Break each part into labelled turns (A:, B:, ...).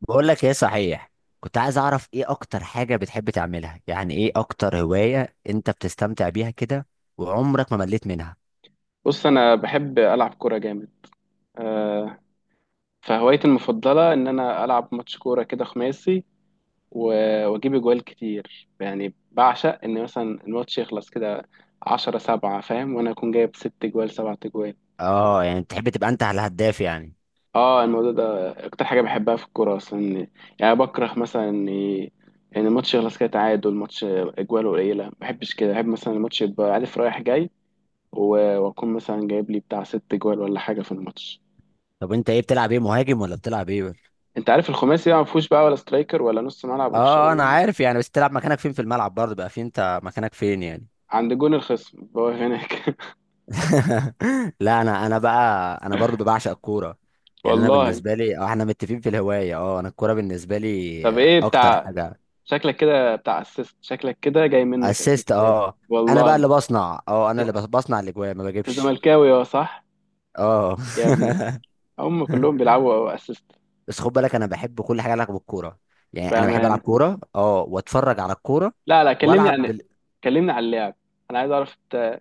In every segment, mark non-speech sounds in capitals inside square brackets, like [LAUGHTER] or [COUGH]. A: بقول لك ايه صحيح. كنت عايز اعرف ايه اكتر حاجة بتحب تعملها، يعني ايه اكتر هواية انت بتستمتع بيها كده، وعمرك ما مليت منها؟
B: بص انا بحب العب كوره جامد. آه، فهوايتي المفضله ان انا العب ماتش كوره كده خماسي. و- واجيب اجوال كتير، يعني بعشق ان مثلا الماتش يخلص كده 10-7، فاهم، وانا اكون جايب 6 اجوال 7 اجوال.
A: اه، يعني بتحب تبقى انت على الهداف يعني.
B: اه، الموضوع ده اكتر حاجه بحبها في الكوره اصلا. يعني بكره مثلا ان الماتش يخلص كده تعادل، ماتش اجوال قليله ما بحبش كده، بحب مثلا الماتش يبقى عارف رايح جاي. و- واكون مثلا جايب لي بتاع 6 اجوال ولا حاجه في الماتش.
A: طب انت ايه بتلعب، ايه، مهاجم ولا بتلعب ايه ولا؟
B: انت عارف الخماسي بقى ما فيهوش بقى ولا سترايكر ولا نص ملعب
A: اه انا
B: والشغل ده.
A: عارف، يعني بس تلعب مكانك فين في الملعب، برضه بقى فين، انت مكانك فين يعني؟
B: عند جون الخصم هو هناك.
A: [LAUGHS] لا انا بقى، انا برضه بعشق الكورة.
B: [LAUGHS]
A: يعني انا
B: والله.
A: بالنسبة لي احنا متفقين في الهواية، انا الكورة بالنسبة لي
B: طب ايه
A: اكتر
B: بتاع،
A: حاجة.
B: شكلك كده بتاع اسيست، شكلك كده جاي منك
A: اسيست
B: اسيستات.
A: اه. انا
B: والله.
A: بقى
B: انت
A: اللي بصنع، انا اللي بصنع الاجوان، ما بجيبش
B: زملكاوي، اه صح.
A: اه.
B: يا ابني، هم كلهم
A: [LAUGHS]
B: بيلعبوا اسيست.
A: بس خد بالك انا بحب كل حاجه لها علاقه بالكوره. يعني انا بحب العب
B: بامان.
A: كوره، واتفرج على الكوره،
B: لا لا، كلمني
A: والعب
B: عن، كلمني عن اللعب. انا عايز اعرف انت،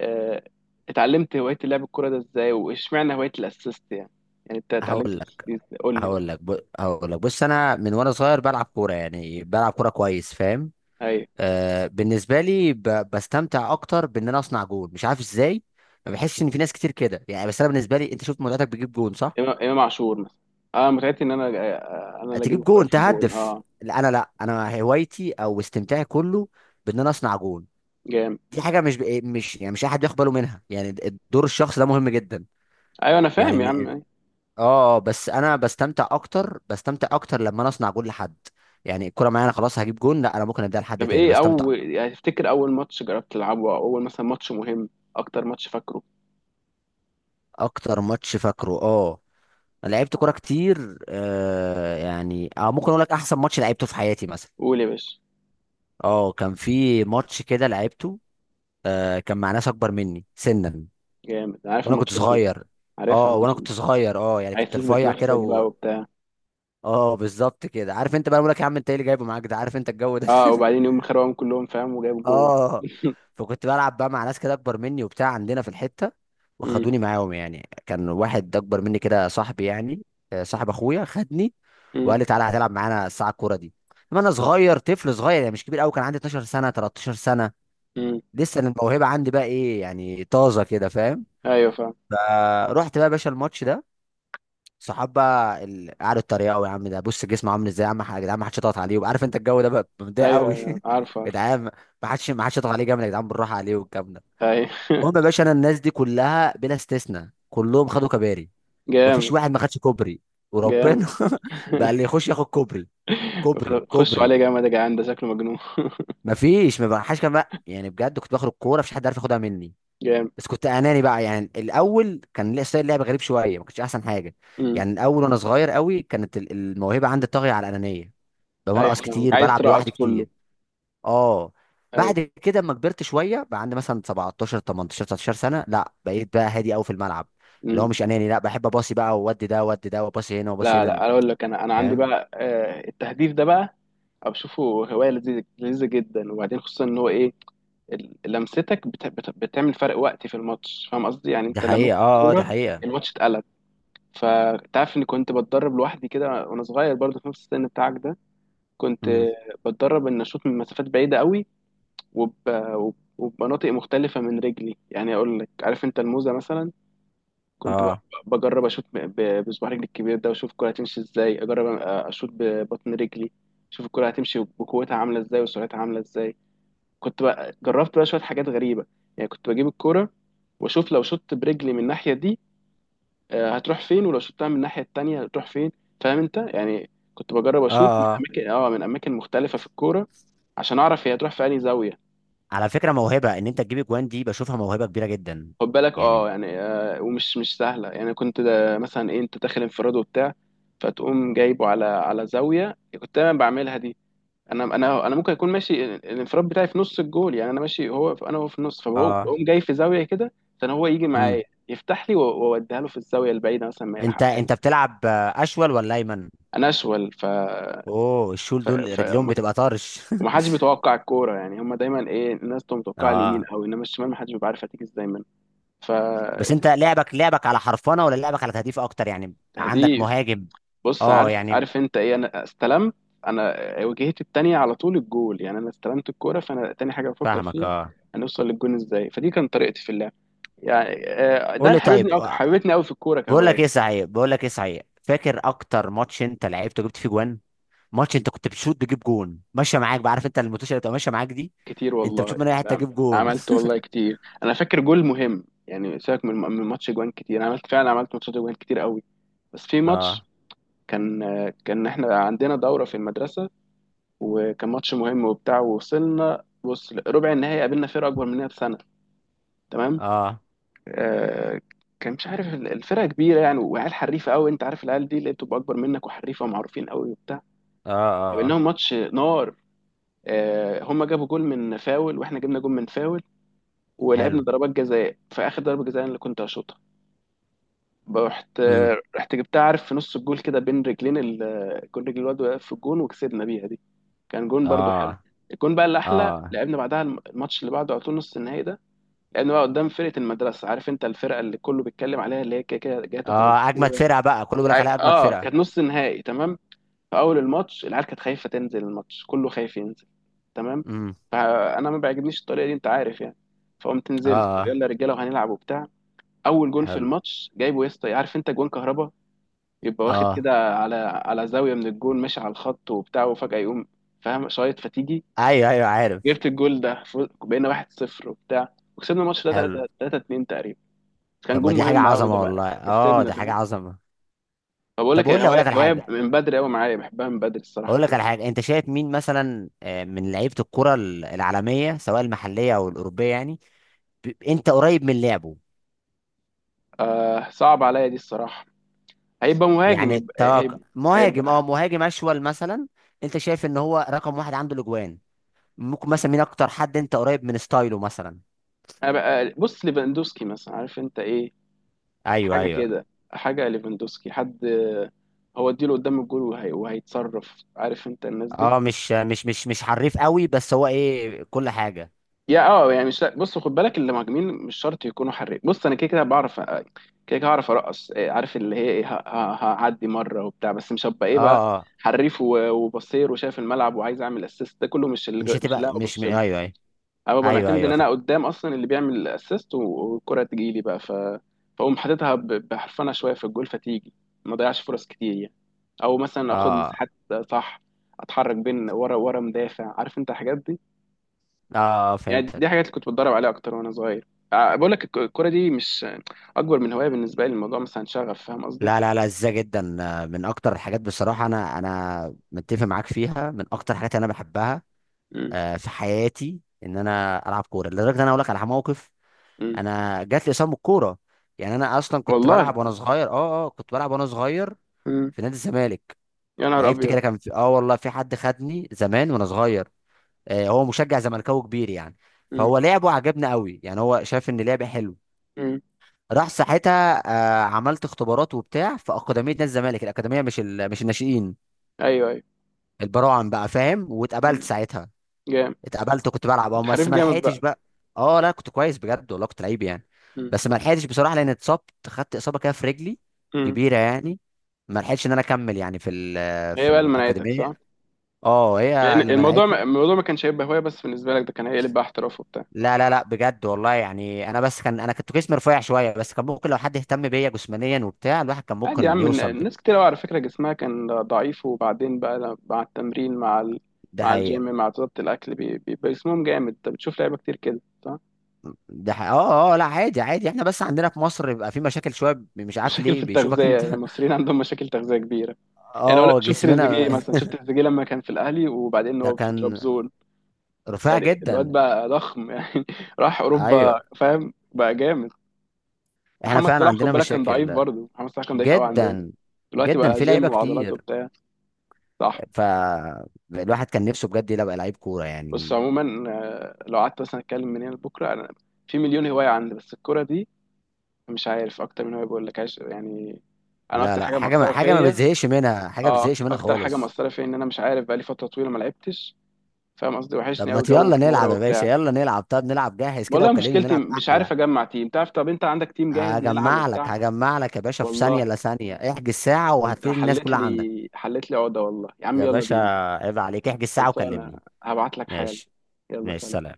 B: اه، اتعلمت هوايه لعب الكوره ده ازاي، واشمعنى هوايه الاسيست يعني. يعني انت اتعلمت
A: هقول لك
B: الاسيست قول لي بقى.
A: هقول لك، بص، انا من وانا صغير بلعب كوره، يعني بلعب كوره كويس، فاهم؟
B: أيوه.
A: آه، بالنسبه لي بستمتع اكتر بان انا اصنع جول، مش عارف ازاي. ما بحسش ان في ناس كتير كده يعني، بس انا بالنسبه لي، انت شفت متعتك بتجيب جول، صح؟
B: امام إمام عاشور مثلا. اه، متعتي ان انا انا اللي اجيب
A: تجيب
B: الكرة
A: جون
B: في الجول،
A: تهدف.
B: اه.
A: لا انا هوايتي او استمتاعي كله بان انا اصنع جون.
B: جام.
A: دي حاجه مش ب... إيه، مش يعني، مش احد بياخد باله منها يعني. دور الشخص ده مهم جدا.
B: ايوه انا
A: يعني
B: فاهم يا عم.
A: إن-
B: أيوة.
A: اه، بس انا بستمتع اكتر، لما انا اصنع جون لحد. يعني الكره معايا، انا خلاص هجيب جون، لا انا ممكن اديها لحد
B: طب
A: تاني
B: ايه
A: بستمتع.
B: اول، يعني تفتكر اول ماتش جربت تلعبه، او اول مثلا ماتش مهم، اكتر ماتش فاكره.
A: اكتر ماتش فاكره اه. انا لعبت كوره كتير، آه يعني، ممكن اقول لك احسن ماتش لعبته في حياتي مثلا.
B: قول يا باشا.
A: اه، كان في ماتش كده لعبته، آه، كان مع ناس اكبر مني سنا،
B: جامد، أنا عارف
A: وانا كنت
B: الماتشات دي،
A: صغير
B: عارفها
A: اه وانا
B: الماتشات دي.
A: كنت صغير. اه يعني،
B: عايز
A: كنت
B: تثبت
A: رفيع كده
B: نفسك بقى وبتاع.
A: اه، بالظبط كده. عارف انت بقى، بقول لك يا عم انت ايه اللي جايبه معاك ده، عارف انت الجو ده.
B: اه، وبعدين يوم خربهم كلهم فاهم وجايب
A: [LAUGHS]
B: جول.
A: اه.
B: [LAUGHS]
A: فكنت بلعب بقى مع ناس كده اكبر مني وبتاع عندنا في الحته،
B: مم.
A: وخدوني معاهم. يعني كان واحد اكبر مني كده صاحبي يعني، آه، صاحب اخويا خدني،
B: مم.
A: وقال لي تعالى هتلعب معانا الساعه الكوره دي، لما انا صغير، طفل صغير يعني، مش كبير قوي. كان عندي 12 سنه، 13 سنه.
B: مم.
A: لسه الموهبه عندي بقى ايه يعني، طازه كده، فاهم؟
B: ايوه فاهم.
A: فرحت بقى يا باشا الماتش ده. صحاب بقى قعدوا اتريقوا، يا عم ده بص جسمه عامل ازاي، يا عم يا جدعان ما حدش يضغط عليه، وعارف انت الجو ده بقى، مضايق
B: ايوه
A: قوي. [LAUGHS] يا
B: ايوه، عارف عارف.
A: جدعان، ما حدش يضغط عليه جامد، يا جدعان بالراحه عليه والكلام ده.
B: ايوه.
A: المهم يا
B: [LAUGHS]
A: باشا، انا الناس دي كلها بلا استثناء كلهم خدوا كباري. مفيش
B: جامد.
A: واحد ما خدش كوبري، وربنا.
B: جامد.
A: [LAUGHS] بقى اللي يخش ياخد كوبري، كوبري،
B: [LAUGHS] خشوا
A: كوبري.
B: عليه جامد يا جدعان، ده شكله مجنون. [LAUGHS]
A: مفيش، ما بقاش كمان يعني، بجد. كنت باخد الكوره، مفيش حد عارف ياخدها مني.
B: جامد.
A: بس كنت اناني بقى يعني الاول، كان ليه ستايل لعب غريب شويه، ما كانش احسن حاجه.
B: امم.
A: يعني الاول وانا صغير قوي، كانت الموهبه عندي طاغيه على الانانيه.
B: ايوه
A: بمرقص
B: فاهمك،
A: كتير،
B: عايز
A: بلعب
B: ترقص
A: لوحدي
B: كله.
A: كتير اه. بعد
B: ايوه.
A: كده اما كبرت شويه، بقى عندي مثلا 17، 18، 19 سنه، لا بقيت بقى هادي قوي في الملعب، اللي هو مش
B: امم.
A: اناني. لا بحب اباصي بقى، وودي ده ودي ده، وباصي هنا وباصي
B: لا
A: هنا،
B: لا، اقول لك، انا انا عندي
A: فاهم؟
B: بقى، التهديف ده بقى أنا بشوفه هوايه لذيذه، لذيذه جدا. وبعدين خصوصا ان هو ايه، لمستك بت بت بتعمل فرق وقت في الماتش، فاهم قصدي؟ يعني
A: دي
B: انت
A: حقيقة،
B: لمست
A: اه، اه، دي
B: الكوره
A: حقيقة.
B: الماتش اتقلب. فانت عارف اني كنت بتدرب لوحدي كده وانا صغير برضه، في نفس السن بتاعك ده كنت
A: امم،
B: بتدرب ان اشوط من مسافات بعيده قوي. وب... وب- وبمناطق مختلفه من رجلي. يعني اقول لك، عارف انت الموزه مثلا؟ كنت ب-
A: اه،
B: بجرب اشوط بصباح رجلي الكبير ده واشوف الكرة هتمشي ازاي، اجرب اشوط ببطن رجلي اشوف الكرة هتمشي بقوتها عاملة ازاي وسرعتها عاملة ازاي. كنت بقى جربت بقى شوية حاجات غريبة. يعني كنت بجيب الكرة واشوف لو شطت برجلي من الناحية دي هتروح فين، ولو شطتها من الناحية التانية هتروح فين، فاهم انت يعني. كنت بجرب
A: اه،
B: اشوط من
A: اه.
B: اماكن، اه، من اماكن مختلفة في الكورة عشان اعرف هي هتروح في انهي زاوية.
A: على فكره، موهبه ان انت تجيب اجوان دي، بشوفها موهبه كبيره جدا
B: خد بالك
A: يعني.
B: اه، يعني آه، ومش مش سهله. يعني كنت ده مثلا ايه، انت داخل انفراد وبتاع، فتقوم جايبه على زاويه، كنت انا بعملها دي. انا ممكن اكون ماشي الانفراد بتاعي في نص الجول، يعني انا ماشي هو، انا هو في النص، فبقوم
A: اه،
B: جاي في زاويه كده عشان هو يجي معايا يفتح لي و- واوديها له في الزاويه البعيده مثلا ما
A: انت
B: يلحقهاش.
A: بتلعب آه، اشول ولا ايمن؟
B: انا اشول، ف
A: اوه، الشول دول رجليهم
B: ما ك-
A: بتبقى طرش.
B: ومحدش بيتوقع الكوره، يعني هم دايما ايه، الناس تبقى
A: [LAUGHS]
B: متوقعه اليمين
A: اه.
B: قوي، انما الشمال محدش بيبقى عارف هتيجي ازاي منه. ف-
A: بس انت، لعبك على حرفنه ولا لعبك على تهديف اكتر، يعني عندك
B: دي
A: مهاجم؟
B: بص،
A: اه
B: عارف
A: يعني،
B: عارف انت ايه، انا استلمت، انا واجهتي التانية على طول الجول، يعني انا استلمت الكورة فانا تاني حاجة بفكر
A: فاهمك
B: فيها
A: اه.
B: هنوصل للجون ازاي. فدي كانت طريقتي في اللعب. يعني ده
A: قول لي
B: اللي
A: طيب،
B: حبيبني أو
A: آه.
B: حبيبتني قوي في الكورة
A: بقول
B: كهواية.
A: لك ايه صحيح، فاكر اكتر ماتش انت لعبته جبت فيه جوان؟ ماتش انت كنت بتشوط تجيب جون، ماشيه معاك بقى، عارف انت الموتوشه اللي بتبقى ماشيه معاك دي،
B: كتير
A: انت بتشوف
B: والله،
A: من اي حته
B: نعم.
A: تجيب جون.
B: عملت
A: [LAUGHS]
B: والله كتير، انا فاكر جول مهم، يعني سيبك من ماتش جوان كتير، انا عملت فعلا، عملت ماتشات جوان كتير قوي. بس في ماتش
A: اه،
B: كان كان احنا عندنا دورة في المدرسة، وكان ماتش مهم وبتاع، ووصلنا بص ربع النهائي قابلنا فرقة أكبر مننا بسنة. تمام.
A: اه،
B: آه، كان مش عارف، الفرقه كبيره يعني، وعيال حريفه قوي، انت عارف العيال دي اللي بتبقى اكبر منك وحريفه ومعروفين قوي وبتاع.
A: اه، اه.
B: قابلناهم ماتش نار. آه، هم جابوا جول من فاول واحنا جبنا جول من فاول، ولعبنا
A: حلو.
B: ضربات جزاء. في اخر ضربه جزاء انا اللي كنت هشوطها. رحت
A: امم،
B: رحت جبتها عارف، في نص الجول كده بين رجلين كل رجل الواد واقف في الجون، وكسبنا بيها دي. كان جون برضو حلو.
A: اه،
B: الجون بقى الاحلى
A: اه،
B: لعبنا بعدها الماتش اللي بعده على طول، نص النهائي ده. لعبنا بقى قدام فرقه المدرسه، عارف انت الفرقه اللي كله بيتكلم عليها، اللي هي كده كده جايه تاخد
A: اه. اجمد
B: البطوله.
A: فرقه بقى، كله بيقول لك عليها اجمد
B: اه
A: فرقه.
B: كانت نص نهائي، تمام. في اول الماتش العيال كانت خايفه تنزل، الماتش كله خايف ينزل، تمام.
A: امم،
B: فانا ما بيعجبنيش الطريقه دي، انت عارف يعني. فقمت
A: اه،
B: نزلت،
A: آه.
B: يلا يا رجاله وهنلعب وبتاع. اول جون في
A: حلو.
B: الماتش جايبه يا اسطى، عارف انت جون كهربا؟ يبقى واخد
A: اه،
B: كده على زاويه من الجون، ماشي على الخط وبتاع، وفجاه يقوم فاهم شايط، فتيجي.
A: ايوه، ايوه عارف.
B: جبت الجول ده بقينا 1-0 وبتاع، وكسبنا الماتش ده
A: حلو.
B: 3 3-2 تقريبا. كان
A: طب ما
B: جون
A: دي حاجه
B: مهم قوي ده
A: عظمه
B: بقى
A: والله، اه
B: كسبنا،
A: دي حاجه
B: فاهم.
A: عظمه.
B: بقول
A: طب
B: لك
A: قول لي، اقول
B: هواية،
A: لك على
B: هواية
A: حاجه،
B: من بدري قوي معايا بحبها من بدري الصراحة، الكورة.
A: انت شايف مين مثلا، آه، من لعيبه الكره العالميه، سواء المحليه او الاوروبيه يعني، انت قريب من لعبه.
B: آه صعب عليا دي الصراحة. هيبقى مهاجم،
A: يعني
B: يبقى
A: توقع مهاجم، اه
B: هيبقى,
A: مهاجم اشول مثلا. انت شايف ان هو رقم واحد عنده الاجوان؟ ممكن مثلا مين اكتر حد انت قريب من ستايله مثلا؟
B: هيبقى بص ليفاندوسكي مثلا، عارف انت ايه،
A: ايوه،
B: حاجة
A: ايوه.
B: كده، حاجة ليفاندوسكي، حد هو اديله قدام الجول وهي وهيتصرف، عارف انت الناس دي.
A: اه، مش حريف قوي، بس هو ايه كل حاجه.
B: يا اه، يعني مش، بص خد بالك المهاجمين مش شرط يكونوا حريف. بص انا كده كده بعرف كده، كده هعرف ارقص عارف اللي هي ايه، هعدي مره وبتاع، بس مش هبقى ايه
A: اه،
B: بقى
A: اه،
B: حريف و- وبصير وشايف الملعب وعايز اعمل اسيست، ده كله مش
A: مش
B: اللي
A: هتبقى
B: أنا
A: مش م...
B: ببص له.
A: ايوه، ايوه.
B: انا ببقى
A: ايوه،
B: معتمد ان
A: ايوه،
B: انا
A: فهمت.
B: قدام اصلا، اللي بيعمل اسيست والكره تجي لي بقى، ف فاقوم حاططها بحرفنه شويه في الجول، فتيجي. ما ضيعش فرص كتير يعني، او مثلا اخد
A: اه،
B: مساحات، صح، اتحرك بين ورا مدافع، عارف انت الحاجات دي.
A: اه، آه،
B: يعني دي
A: فهمتك.
B: حاجات اللي كنت بتدرب عليها اكتر وانا صغير. آه، بقول لك الكوره دي مش اكبر من هوايه بالنسبه لي، الموضوع مثلا شغف، فاهم قصدي.
A: لا، لا، لا، ازاي، جدا. آه، من اكتر الحاجات بصراحه، انا متفق معاك فيها، من اكتر الحاجات اللي انا بحبها.
B: مم.
A: آه، في حياتي، ان انا العب كوره، لدرجه ان انا اقول لك على موقف.
B: مم.
A: انا جات لي اصابه الكوره. يعني انا اصلا
B: والله.
A: كنت بلعب وانا صغير
B: مم.
A: في نادي الزمالك.
B: يا نهار
A: لعبت
B: ابيض.
A: كده، كان في اه، والله في حد خدني زمان وانا صغير. آه، هو مشجع زملكاوي كبير يعني،
B: مم.
A: فهو لعبه عجبنا قوي، يعني هو شاف ان لعبه حلو.
B: مم.
A: راح ساعتها، آه، عملت اختبارات وبتاع في اكاديميه نادي الزمالك، الاكاديميه مش الناشئين،
B: ايوه ايوه.
A: البراعم بقى، فاهم، واتقبلت
B: مم.
A: ساعتها.
B: جامد.
A: اتقبلت كنت بلعب اه،
B: كنت
A: بس
B: حريف
A: ما
B: جامد
A: لحقتش
B: بقى.
A: بقى. اه، لا كنت كويس بجد والله، كنت لعيب يعني.
B: مم.
A: بس ما لحقتش بصراحه، لان اتصبت، خدت اصابه كده في رجلي
B: مم.
A: كبيره يعني. ما لحقتش ان انا اكمل يعني
B: هي
A: في
B: بقى اللي منعتك،
A: الاكاديميه.
B: صح.
A: اه، هي
B: يعني
A: اللي
B: الموضوع
A: منعتني.
B: الموضوع ما كانش هيبقى هوايه بس بالنسبه لك، ده كان هيقلب بقى احتراف وبتاع.
A: لا، لا، لا، بجد والله. يعني انا بس كان، انا كنت جسمي رفيع شويه، بس كان ممكن لو حد اهتم بيا جسمانيا وبتاع، الواحد كان
B: عادي يا
A: ممكن
B: عم،
A: يوصل بك.
B: ناس كتير قوي على فكره جسمها كان ضعيف، وبعدين بقى مع التمرين، مع
A: ده
B: مع الجيم،
A: حقيقة.
B: مع ضبط الاكل بيبقى جسمهم جامد، انت بتشوف لعيبه كتير كده، صح؟
A: ده حقيقة. اه، اه، لا عادي عادي. احنا بس عندنا في مصر بيبقى في مشاكل شويه، مش عارف
B: مشاكل في
A: ليه
B: التغذية،
A: بيشوفك انت.
B: يعني
A: [LAUGHS]
B: المصريين عندهم مشاكل تغذية كبيرة. يعني أقول لك،
A: اه
B: شوف تريزيجيه
A: جسمنا.
B: مثلا، شوف
A: [LAUGHS]
B: تريزيجيه لما كان في الأهلي وبعدين
A: ده
B: هو في
A: كان
B: ترابزون،
A: رفيع
B: يعني الواد
A: جدا.
B: بقى ضخم يعني [LAUGHS] راح أوروبا،
A: ايوه.
B: فاهم، بقى جامد.
A: احنا
B: محمد
A: فعلا
B: صلاح خد
A: عندنا
B: بالك كان ضعيف،
A: مشاكل،
B: برضه محمد صلاح كان ضعيف قوي عندنا،
A: جدا
B: دلوقتي
A: جدا،
B: بقى
A: في لعيبه
B: جيم وعضلات
A: كتير.
B: وبتاع، صح.
A: فالواحد كان نفسه بجد يبقى لعيب كوره
B: بس
A: يعني.
B: عموما، آه، لو قعدت مثلا اتكلم من هنا لبكره، انا في مليون هوايه عندي، بس الكوره دي مش عارف، اكتر من هوايه، بقول لك عايش يعني، انا
A: لا،
B: اكتر
A: لا،
B: حاجه
A: حاجه ما
B: مؤثره
A: حاجه ما
B: فيا.
A: بتزهقش منها، حاجه ما
B: اه
A: بتزهقش منها
B: اكتر حاجه
A: خالص.
B: مأثره فيا ان انا مش عارف بقالي فتره طويله ما لعبتش، فاهم قصدي،
A: طب
B: وحشني
A: ما
B: قوي جو
A: يلا
B: الكوره
A: نلعب يا باشا،
B: وبتاع.
A: يلا نلعب طب نلعب جاهز كده
B: والله
A: وكلمني
B: مشكلتي
A: نلعب
B: مش
A: احلى.
B: عارف اجمع تيم، تعرف، طب انت عندك تيم جاهز نلعب
A: هجمع لك
B: وبتاع؟
A: هجمع لك يا باشا في ثانية،
B: والله
A: لا ثانية، احجز ساعة
B: انت
A: وهتلاقي الناس
B: حليت
A: كلها عندك.
B: لي، حليت لي عقده والله يا عم،
A: يا
B: يلا
A: باشا،
B: بينا.
A: عيب عليك، احجز ساعة
B: خلصانه،
A: وكلمني.
B: هبعت لك حالا.
A: ماشي.
B: يلا
A: ماشي،
B: سلام.
A: سلام.